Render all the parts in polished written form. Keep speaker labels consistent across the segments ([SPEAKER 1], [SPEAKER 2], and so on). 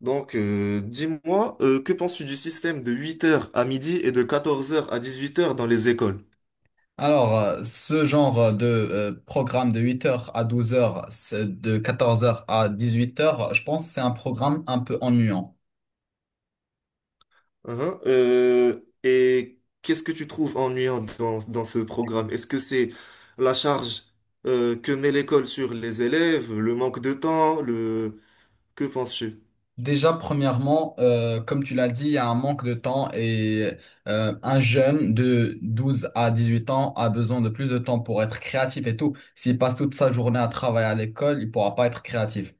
[SPEAKER 1] Donc, dis-moi, que penses-tu du système de 8 heures à midi et de 14 heures à 18 heures dans les écoles?
[SPEAKER 2] Alors, ce genre de programme de 8h à 12h, de 14h à 18h, je pense que c'est un programme un peu ennuyant.
[SPEAKER 1] Hein et qu'est-ce que tu trouves ennuyant dans ce programme? Est-ce que c'est la charge que met l'école sur les élèves, le manque de temps, le... Que penses-tu?
[SPEAKER 2] Déjà, premièrement, comme tu l'as dit, il y a un manque de temps et un jeune de 12 à 18 ans a besoin de plus de temps pour être créatif et tout. S'il passe toute sa journée à travailler à l'école, il pourra pas être créatif.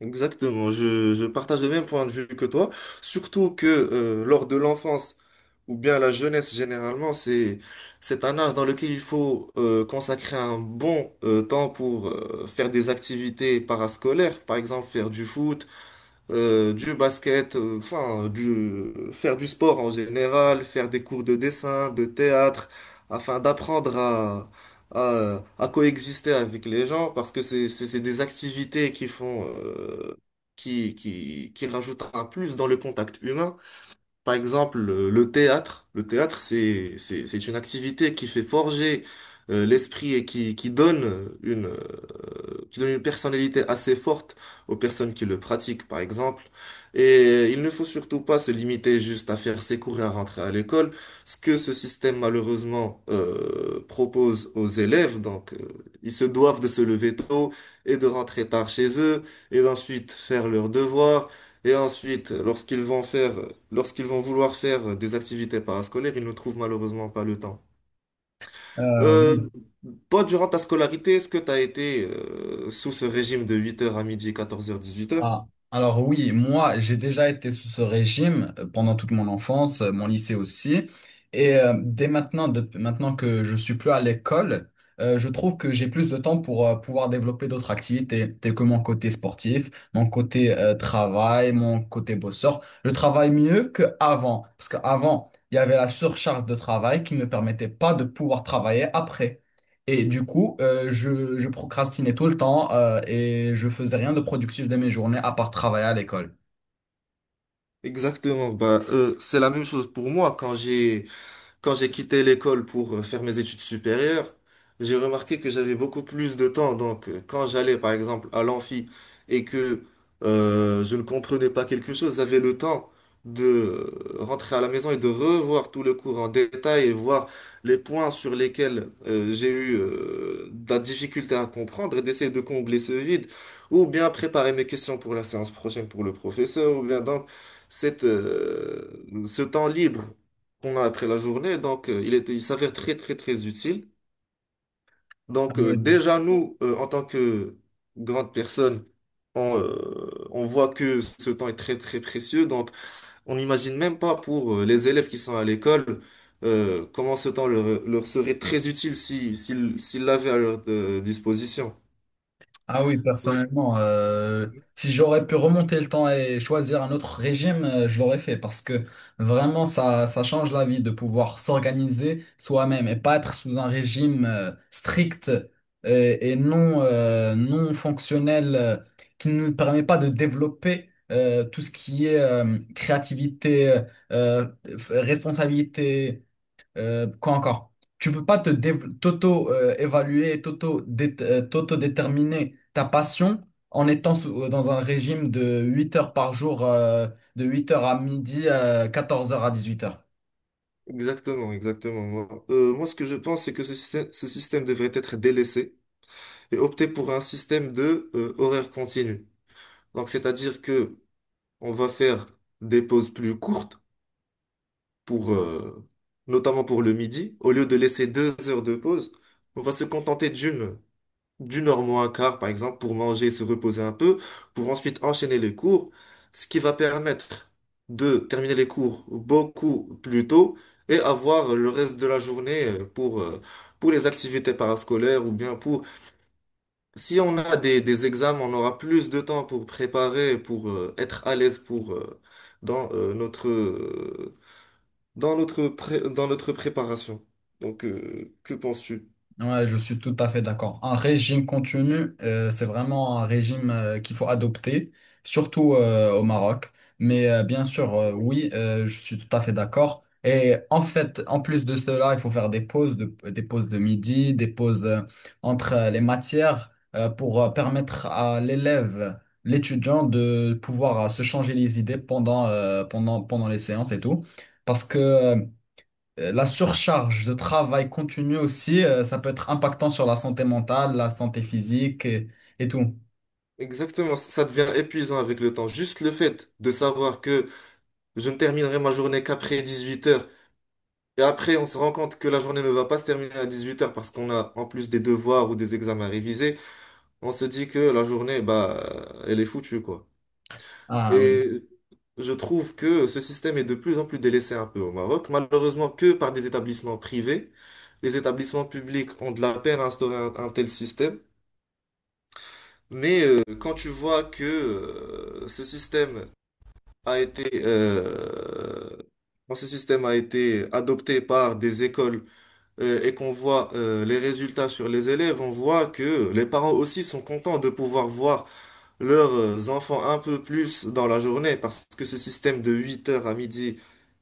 [SPEAKER 1] Exactement, je partage le même point de vue que toi, surtout que lors de l'enfance ou bien la jeunesse généralement, c'est un âge dans lequel il faut consacrer un bon temps pour faire des activités parascolaires, par exemple faire du foot, du basket, enfin, faire du sport en général, faire des cours de dessin, de théâtre, afin d'apprendre à coexister avec les gens, parce que c'est des activités qui font, qui rajoutent un plus dans le contact humain. Par exemple, le théâtre, c'est une activité qui fait forger l'esprit et qui donne une personnalité assez forte aux personnes qui le pratiquent, par exemple. Et il ne faut surtout pas se limiter juste à faire ses cours et à rentrer à l'école. Ce que ce système, malheureusement, propose aux élèves, donc, ils se doivent de se lever tôt et de rentrer tard chez eux et d'ensuite faire leurs devoirs et ensuite, lorsqu'ils vont vouloir faire des activités parascolaires, ils ne trouvent malheureusement pas le temps. Euh,
[SPEAKER 2] Oui.
[SPEAKER 1] Toi, durant ta scolarité, est-ce que tu as été sous ce régime de 8 heures à midi, 14 heures, 18 heures?
[SPEAKER 2] Ah, alors oui, moi j'ai déjà été sous ce régime pendant toute mon enfance, mon lycée aussi. Et dès maintenant, depuis maintenant que je suis plus à l'école, je trouve que j'ai plus de temps pour pouvoir développer d'autres activités, telles que mon côté sportif, mon côté travail, mon côté bosseur. Je travaille mieux qu'avant, parce qu'avant il y avait la surcharge de travail qui ne me permettait pas de pouvoir travailler après. Et du coup, je procrastinais tout le temps, et je faisais rien de productif de mes journées à part travailler à l'école.
[SPEAKER 1] Exactement. C'est la même chose pour moi. Quand j'ai quitté l'école pour faire mes études supérieures, j'ai remarqué que j'avais beaucoup plus de temps. Donc, quand j'allais, par exemple, à l'amphi et que je ne comprenais pas quelque chose, j'avais le temps de rentrer à la maison et de revoir tout le cours en détail et voir les points sur lesquels j'ai eu de la difficulté à comprendre et d'essayer de combler ce vide, ou bien préparer mes questions pour la séance prochaine pour le professeur, ou bien donc cette, euh, ce temps libre qu'on a après la journée. Donc, il s'avère très, très, très utile. Donc, déjà, nous, en tant que grandes personnes, on voit que ce temps est très, très précieux. Donc, on n'imagine même pas pour les élèves qui sont à l'école, comment ce temps leur serait très utile, si, s'ils, s'ils l'avaient à leur disposition.
[SPEAKER 2] Ah oui,
[SPEAKER 1] Ouais.
[SPEAKER 2] personnellement, si j'aurais pu remonter le temps et choisir un autre régime, je l'aurais fait parce que vraiment, ça change la vie de pouvoir s'organiser soi-même et pas être sous un régime strict et non, non fonctionnel, qui ne nous permet pas de développer tout ce qui est créativité, euh, responsabilité. Quoi encore? Tu peux pas t'auto-évaluer, t'auto-déterminer ta passion en étant dans un régime de 8h par jour, de 8h à midi, 14 heures à 18h.
[SPEAKER 1] Exactement, exactement. Moi, ce que je pense, c'est que ce système devrait être délaissé et opter pour un système de horaire continu. Donc, c'est-à-dire que on va faire des pauses plus courtes pour, notamment pour le midi. Au lieu de laisser 2 heures de pause, on va se contenter d'une heure moins un quart, par exemple, pour manger et se reposer un peu, pour ensuite enchaîner les cours, ce qui va permettre de terminer les cours beaucoup plus tôt et avoir le reste de la journée pour les activités parascolaires ou bien pour, si on a des examens, on aura plus de temps pour préparer, pour être à l'aise pour dans euh, notre euh, dans notre préparation. Donc, que penses-tu?
[SPEAKER 2] Ouais, je suis tout à fait d'accord. Un régime continu, c'est vraiment un régime qu'il faut adopter, surtout au Maroc. Mais bien sûr,
[SPEAKER 1] Mhm.
[SPEAKER 2] oui, je suis tout à fait d'accord. Et en fait, en plus de cela, il faut faire des pauses, des pauses de midi, des pauses entre les matières pour permettre à l'élève, l'étudiant, de pouvoir se changer les idées pendant les séances et tout. Parce que la surcharge de travail continue aussi, ça peut être impactant sur la santé mentale, la santé physique et tout.
[SPEAKER 1] Exactement, ça devient épuisant avec le temps. Juste le fait de savoir que je ne terminerai ma journée qu'après 18 heures, et après on se rend compte que la journée ne va pas se terminer à 18 heures parce qu'on a en plus des devoirs ou des examens à réviser. On se dit que la journée, bah, elle est foutue, quoi.
[SPEAKER 2] Ah oui.
[SPEAKER 1] Et je trouve que ce système est de plus en plus délaissé, un peu au Maroc, malheureusement, que par des établissements privés. Les établissements publics ont de la peine à instaurer un tel système. Mais quand tu vois que ce système a été, quand ce système a été adopté par des écoles et qu'on voit les résultats sur les élèves, on voit que les parents aussi sont contents de pouvoir voir leurs enfants un peu plus dans la journée, parce que ce système de 8 heures à midi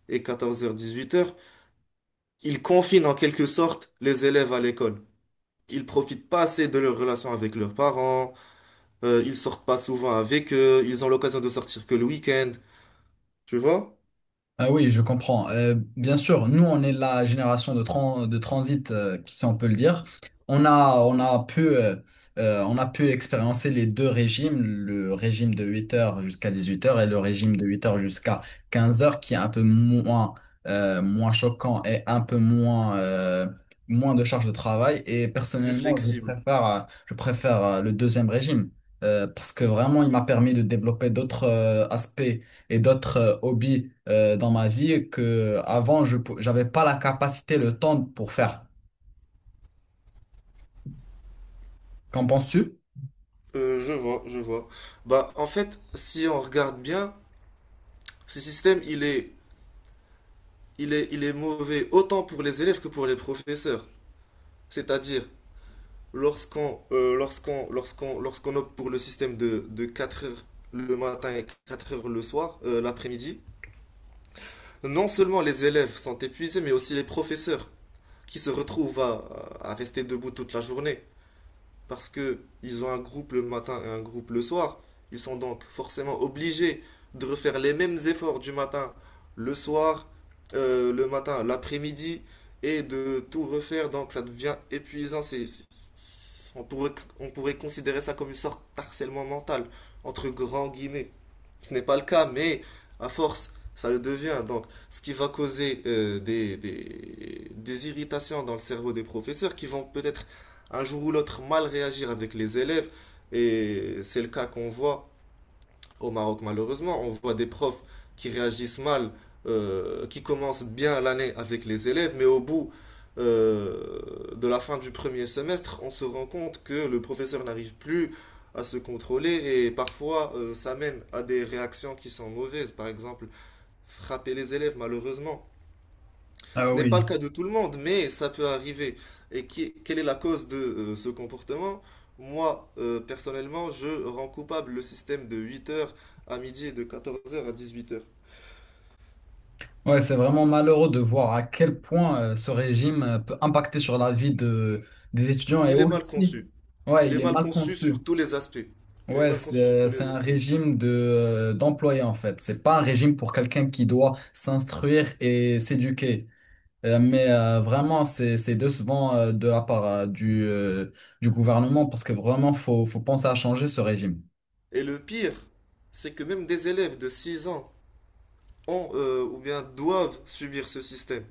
[SPEAKER 1] et 14 heures 18 heures, il confine en quelque sorte les élèves à l'école. Ils profitent pas assez de leur relation avec leurs parents, ils sortent pas souvent avec eux, ils ont l'occasion de sortir que le week-end, tu vois?
[SPEAKER 2] Ah oui, je comprends. Bien sûr, nous, on est la génération de, de transit, si on peut le dire. On a, on a pu, euh, on a pu expérimenter les deux régimes, le régime de 8h jusqu'à 18h et le régime de 8h jusqu'à 15h, qui est un peu moins, moins choquant et un peu moins, moins de charge de travail. Et
[SPEAKER 1] Plus
[SPEAKER 2] personnellement,
[SPEAKER 1] flexible.
[SPEAKER 2] je préfère le deuxième régime, parce que vraiment, il m'a permis de développer d'autres, aspects et d'autres hobbies dans ma vie que avant j'avais pas la capacité, le temps pour faire. Qu'en penses-tu?
[SPEAKER 1] Je vois, je vois. Bah, en fait, si on regarde bien, ce système, il est il est mauvais autant pour les élèves que pour les professeurs. C'est-à-dire, lorsqu'on opte pour le système de 4 heures le matin et 4 heures le soir, l'après-midi, non seulement les élèves sont épuisés, mais aussi les professeurs qui se retrouvent à rester debout toute la journée. Parce que ils ont un groupe le matin et un groupe le soir. Ils sont donc forcément obligés de refaire les mêmes efforts du matin, le soir, l'après-midi, et de tout refaire. Donc ça devient épuisant. On on pourrait considérer ça comme une sorte d'harcèlement mental, entre grands guillemets. Ce n'est pas le cas, mais à force, ça le devient. Donc, ce qui va causer des irritations dans le cerveau des professeurs qui vont peut-être un jour ou l'autre mal réagir avec les élèves. Et c'est le cas qu'on voit au Maroc, malheureusement. On voit des profs qui réagissent mal, qui commencent bien l'année avec les élèves, mais au bout euh, de la fin du premier semestre, on se rend compte que le professeur n'arrive plus à se contrôler, et parfois ça mène à des réactions qui sont mauvaises. Par exemple, frapper les élèves, malheureusement.
[SPEAKER 2] Ah
[SPEAKER 1] Ce n'est pas le
[SPEAKER 2] oui.
[SPEAKER 1] cas de tout le monde, mais ça peut arriver. Et quelle est la cause de ce comportement? Personnellement, je rends coupable le système de 8 heures à midi et de 14 heures à 18 heures.
[SPEAKER 2] Ouais, c'est vraiment malheureux de voir à quel point ce régime peut impacter sur la vie des étudiants et
[SPEAKER 1] Il est mal
[SPEAKER 2] aussi,
[SPEAKER 1] conçu.
[SPEAKER 2] ouais,
[SPEAKER 1] Il est
[SPEAKER 2] il est
[SPEAKER 1] mal
[SPEAKER 2] mal
[SPEAKER 1] conçu sur
[SPEAKER 2] conçu.
[SPEAKER 1] tous les aspects. Il est
[SPEAKER 2] Ouais,
[SPEAKER 1] mal conçu sur tous
[SPEAKER 2] c'est
[SPEAKER 1] les
[SPEAKER 2] un
[SPEAKER 1] aspects.
[SPEAKER 2] régime d'employé, en fait. C'est pas un régime pour quelqu'un qui doit s'instruire et s'éduquer. Mais vraiment, c'est décevant de la part du gouvernement parce que vraiment, faut penser à changer ce régime.
[SPEAKER 1] Et le pire, c'est que même des élèves de 6 ans ont ou bien doivent subir ce système.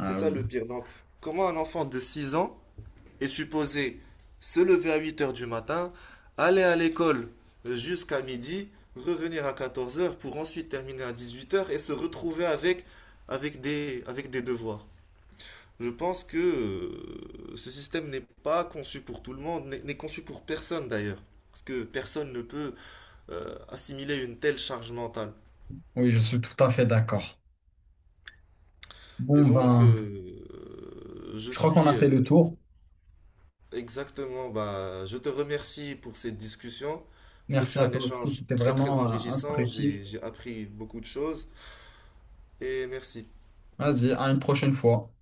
[SPEAKER 1] C'est ça le
[SPEAKER 2] oui,
[SPEAKER 1] pire. Donc, comment un enfant de 6 ans est supposé se lever à 8 heures du matin, aller à l'école jusqu'à midi, revenir à 14 heures pour ensuite terminer à 18 heures et se retrouver avec des devoirs? Je pense que ce système n'est pas conçu pour tout le monde, n'est conçu pour personne d'ailleurs. Parce que personne ne peut assimiler une telle charge mentale.
[SPEAKER 2] oui, je suis tout à fait d'accord.
[SPEAKER 1] Et
[SPEAKER 2] Bon,
[SPEAKER 1] donc,
[SPEAKER 2] ben,
[SPEAKER 1] je
[SPEAKER 2] je crois qu'on
[SPEAKER 1] suis
[SPEAKER 2] a fait le tour.
[SPEAKER 1] exactement, bah, je te remercie pour cette discussion. Ce
[SPEAKER 2] Merci
[SPEAKER 1] fut
[SPEAKER 2] à
[SPEAKER 1] un
[SPEAKER 2] toi aussi,
[SPEAKER 1] échange
[SPEAKER 2] c'était
[SPEAKER 1] très très
[SPEAKER 2] vraiment
[SPEAKER 1] enrichissant,
[SPEAKER 2] instructif.
[SPEAKER 1] j'ai appris beaucoup de choses, et merci.
[SPEAKER 2] Vas-y, à une prochaine fois.